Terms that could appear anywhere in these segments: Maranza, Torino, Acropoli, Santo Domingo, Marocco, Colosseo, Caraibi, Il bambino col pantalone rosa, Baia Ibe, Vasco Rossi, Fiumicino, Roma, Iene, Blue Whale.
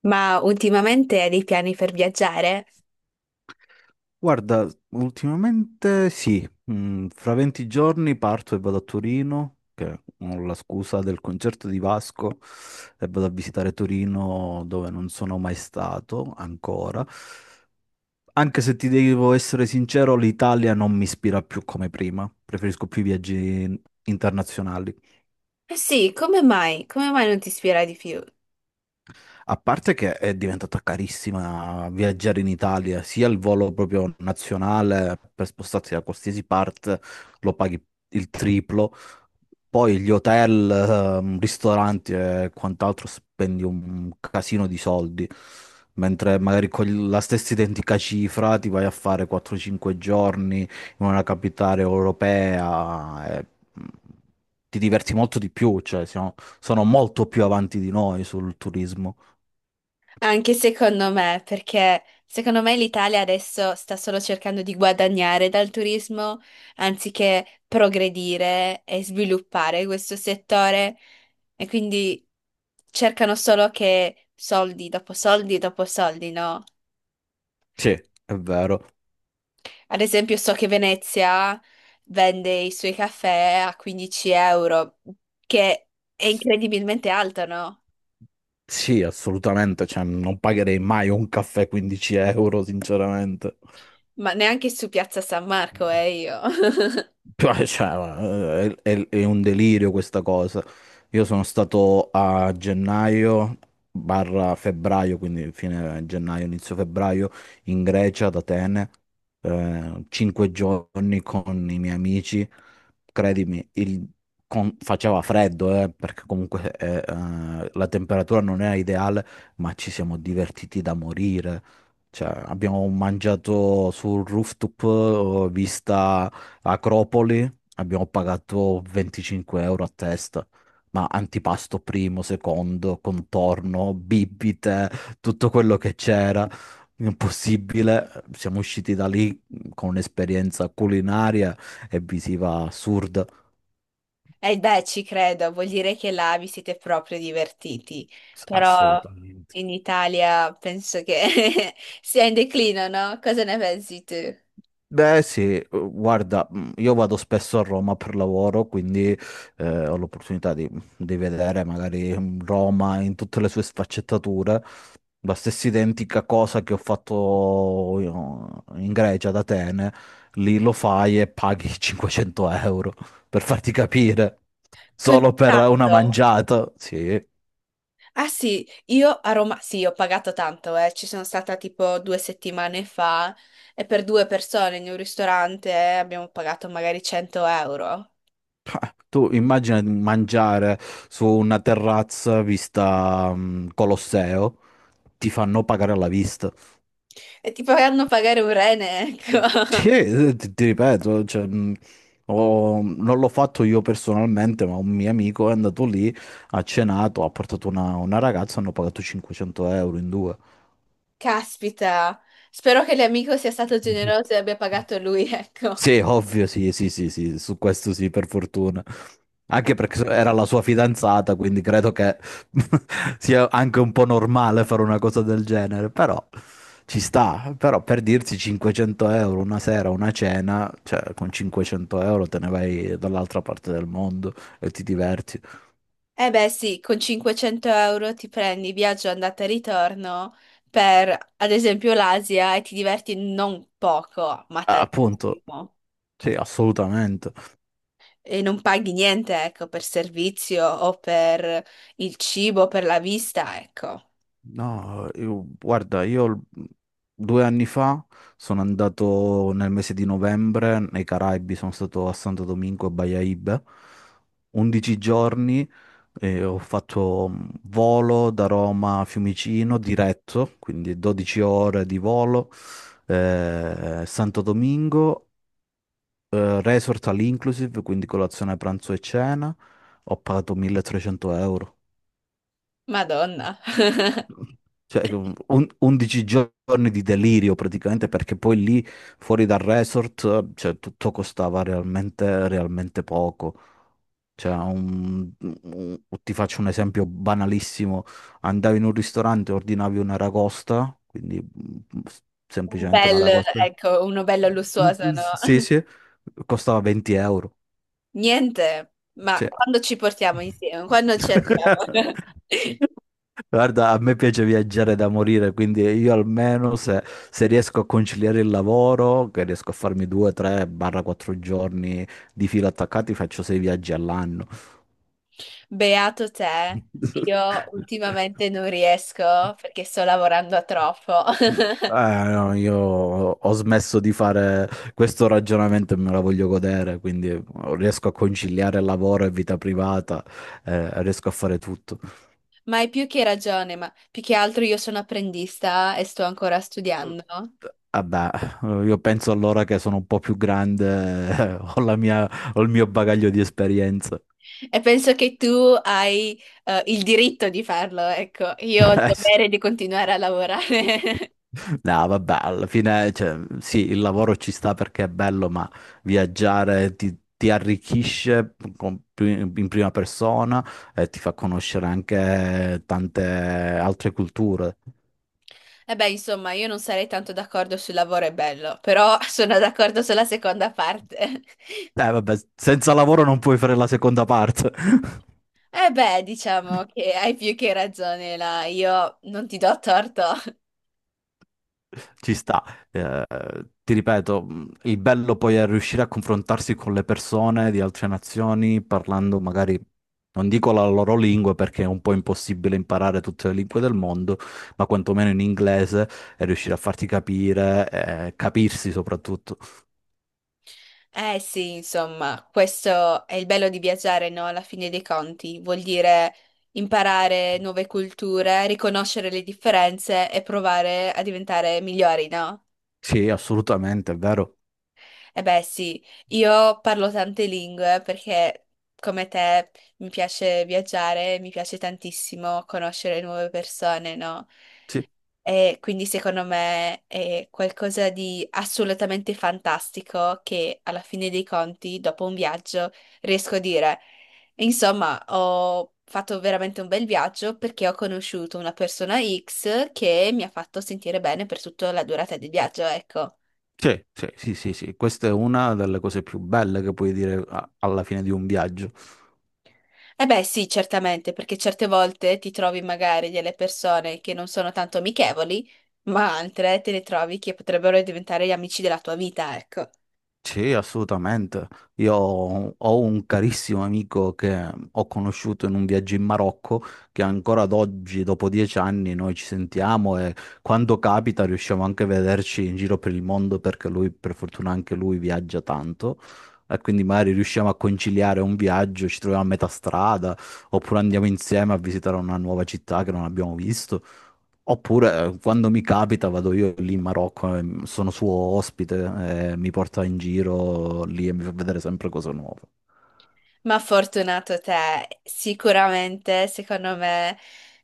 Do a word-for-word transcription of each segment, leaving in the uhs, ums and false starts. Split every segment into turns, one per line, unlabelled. Ma ultimamente hai dei piani per viaggiare?
Guarda, ultimamente sì. Mm, fra venti giorni parto e vado a Torino, che ho la scusa del concerto di Vasco, e vado a visitare Torino dove non sono mai stato ancora. Anche se ti devo essere sincero, l'Italia non mi ispira più come prima, preferisco più i viaggi internazionali.
Eh sì, come mai? Come mai non ti ispira di più?
A parte che è diventata carissima viaggiare in Italia, sia il volo proprio nazionale per spostarsi da qualsiasi parte lo paghi il triplo. Poi gli hotel, ehm, ristoranti e quant'altro, spendi un casino di soldi, mentre magari con la stessa identica cifra ti vai a fare quattro cinque giorni in una capitale europea e mm, ti diverti molto di più, cioè siamo- sono molto più avanti di noi sul turismo.
Anche secondo me, perché secondo me l'Italia adesso sta solo cercando di guadagnare dal turismo anziché progredire e sviluppare questo settore e quindi cercano solo che soldi dopo soldi dopo soldi, no?
Sì, è vero.
Ad esempio, so che Venezia vende i suoi caffè a quindici euro, che è incredibilmente alto, no?
Sì, assolutamente, cioè non pagherei mai un caffè quindici euro, sinceramente.
Ma neanche su Piazza San Marco è io.
Cioè, cioè, è, è- è un delirio questa cosa. Io sono stato a gennaio barra febbraio, quindi fine gennaio, inizio febbraio, in Grecia, ad Atene, eh, cinque giorni con i miei amici. Credimi, il- con- faceva freddo, eh, perché comunque eh, eh, la temperatura non era ideale, ma ci siamo divertiti da morire. Cioè, abbiamo mangiato sul rooftop, eh, vista Acropoli, abbiamo pagato venticinque euro a testa, ma antipasto, primo, secondo, contorno, bibite, tutto quello che c'era, impossibile. Siamo usciti da lì con un'esperienza culinaria e visiva assurda,
E beh, ci credo, vuol dire che là vi siete proprio divertiti. Però
assolutamente.
in Italia penso che sia in declino, no? Cosa ne pensi tu?
Beh sì, guarda, io vado spesso a Roma per lavoro, quindi eh, ho l'opportunità di, di vedere magari Roma in tutte le sue sfaccettature. La stessa identica cosa che ho fatto io in Grecia, ad Atene, lì lo fai e paghi cinquecento euro, per farti capire,
Così
solo per una
tanto.
mangiata. Sì.
Ah sì, io a Roma, sì, ho pagato tanto, eh. Ci sono stata tipo due settimane fa e per due persone in un ristorante eh, abbiamo pagato magari cento euro.
Tu immagina di mangiare su una terrazza vista mm, Colosseo, ti fanno pagare alla vista.
E ti faranno pagare un rene, ecco.
Sì, eh, ti, ti ripeto, cioè, mh, ho- non l'ho fatto io personalmente, ma un mio amico è andato lì, ha cenato, ha portato una, una ragazza, hanno pagato cinquecento euro in due.
Caspita, spero che l'amico sia stato generoso e abbia pagato lui, ecco.
Sì, ovvio, sì, sì, sì, sì, su questo sì, per fortuna. Anche perché so- era la sua fidanzata, quindi credo che sia anche un po' normale fare una cosa del genere, però ci sta. Però per dirsi cinquecento euro una sera, una cena, cioè con cinquecento euro te ne vai dall'altra parte del mondo e ti diverti.
Eh beh sì, con cinquecento euro ti prendi viaggio andata e ritorno per, ad esempio, l'Asia e ti diverti non poco, ma
Ah, appunto,
tantissimo.
sì, assolutamente.
E non paghi niente, ecco, per servizio o per il cibo, per la vista, ecco.
No, io- guarda, io l- due anni fa sono andato nel mese di novembre nei Caraibi, sono stato a Santo Domingo e Baia Ibe, undici giorni, eh, ho fatto mm, volo da Roma a Fiumicino diretto, quindi dodici ore di volo, eh, Santo Domingo, eh, resort all inclusive, quindi colazione, pranzo e cena, ho pagato milletrecento euro.
Madonna.
Cioè, on- undici giorni di delirio praticamente, perché poi lì fuori dal resort, cioè, tutto costava realmente, realmente poco. Cioè, un- un- ti faccio un esempio banalissimo. Andavi in un ristorante, ordinavi una ragosta, quindi mm,
Un
semplicemente una
bel,
ragosta.
ecco, uno bello lussuoso, no?
Sì, sì, costava venti euro.
Niente, ma
Cioè.
quando ci portiamo insieme, quando ci andiamo?
Guarda, a me piace viaggiare da morire, quindi io almeno se, se riesco a conciliare il lavoro, che riesco a farmi due, tre, barra quattro giorni di fila attaccati, faccio sei viaggi all'anno.
Beato te, io ultimamente non riesco perché sto lavorando a troppo.
Eh, no, io ho smesso di fare questo ragionamento e me la voglio godere, quindi riesco a conciliare lavoro e vita privata, eh, riesco a fare tutto.
Ma hai più che ragione, ma più che altro io sono apprendista e sto ancora studiando.
Vabbè, io penso allora che sono un po' più grande, eh, ho la mia- ho il mio bagaglio di esperienze.
E penso che tu hai eh, il diritto di farlo, ecco, io ho il dovere di continuare a lavorare.
No, vabbè, alla fine, cioè, sì, il lavoro ci sta perché è bello, ma viaggiare ti, ti arricchisce con- in prima persona e ti fa conoscere anche tante altre culture.
E beh, insomma, io non sarei tanto d'accordo sul lavoro è bello, però sono d'accordo sulla seconda parte.
Eh, vabbè, senza lavoro non puoi fare la seconda parte.
E beh, diciamo che hai più che ragione là, io non ti do torto.
Ci sta, eh, ti ripeto, mh, il bello poi è riuscire a confrontarsi con le persone di altre nazioni parlando magari, non dico la loro lingua perché è un po' impossibile imparare tutte le lingue del mondo, ma quantomeno in inglese, e riuscire a farti capire, eh, capirsi soprattutto.
Eh sì, insomma, questo è il bello di viaggiare, no? Alla fine dei conti, vuol dire imparare nuove culture, riconoscere le differenze e provare a diventare migliori, no?
Sì, assolutamente, è vero.
Eh beh, sì, io parlo tante lingue perché come te mi piace viaggiare, mi piace tantissimo conoscere nuove persone, no?
Sì,
E quindi secondo me è qualcosa di assolutamente fantastico che alla fine dei conti, dopo un viaggio, riesco a dire, insomma, ho fatto veramente un bel viaggio perché ho conosciuto una persona X che mi ha fatto sentire bene per tutta la durata del viaggio, ecco.
sì, sì, sì, sì, sì. Questa è una delle cose più belle che puoi dire a- alla fine di un viaggio.
Eh beh, sì, certamente, perché certe volte ti trovi magari delle persone che non sono tanto amichevoli, ma altre te le trovi che potrebbero diventare gli amici della tua vita, ecco.
Sì, assolutamente. Io ho ho un carissimo amico che ho conosciuto in un viaggio in Marocco, che ancora ad oggi, dopo dieci anni, noi ci sentiamo e quando capita riusciamo anche a vederci in giro per il mondo perché lui, per fortuna, anche lui viaggia tanto. E quindi magari riusciamo a conciliare un viaggio, ci troviamo a metà strada, oppure andiamo insieme a visitare una nuova città che non abbiamo visto. Oppure eh, quando mi capita vado io lì in Marocco, eh, sono suo ospite, eh, mi porta in giro lì e mi fa vedere sempre cose nuove.
Ma fortunato te, sicuramente, secondo me,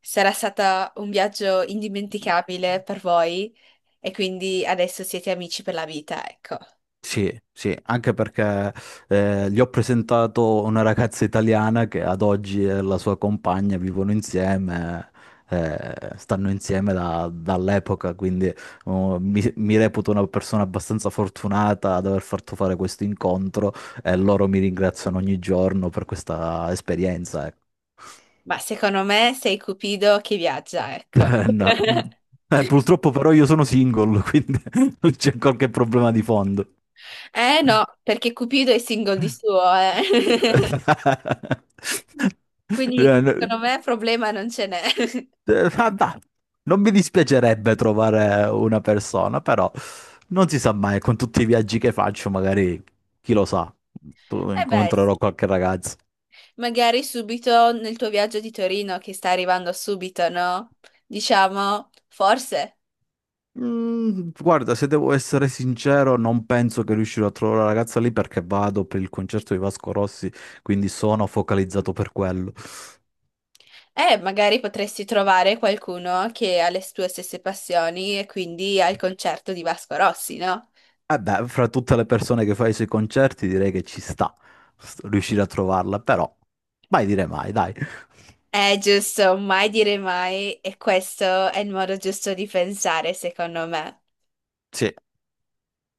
sarà stato un viaggio indimenticabile per voi e quindi adesso siete amici per la vita, ecco.
Sì, sì, anche perché eh, gli ho presentato una ragazza italiana che ad oggi è la sua compagna, vivono insieme, eh, stanno insieme da- dall'epoca, quindi oh, mi, mi reputo una persona abbastanza fortunata ad aver fatto fare questo incontro e loro mi ringraziano ogni giorno per questa esperienza. Ecco.
Ma secondo me sei Cupido che viaggia, ecco.
Eh, No, mm, eh, purtroppo però io sono single, quindi non c'è qualche problema di fondo.
Eh no, perché Cupido è single di suo, eh.
Eh,
Quindi secondo
n-
me problema non ce n'è.
eh, vabbè, non mi dispiacerebbe trovare una persona, però non si sa mai, con tutti i viaggi che faccio, magari, chi lo sa, tu-
Eh beh,
incontrerò
sì.
qualche ragazzo.
Magari subito nel tuo viaggio di Torino che sta arrivando subito, no? Diciamo, forse.
Mm, guarda, se devo essere sincero, non penso che riuscirò a trovare la ragazza lì perché vado per il concerto di Vasco Rossi, quindi sono focalizzato per quello.
Eh, magari potresti trovare qualcuno che ha le tue stesse passioni e quindi al concerto di Vasco Rossi, no?
Eh beh, fra tutte le persone che fa i suoi concerti direi che ci sta s- riuscire a trovarla, però mai dire mai, dai.
È giusto, mai dire mai, e questo è il modo giusto di pensare, secondo me.
Sì.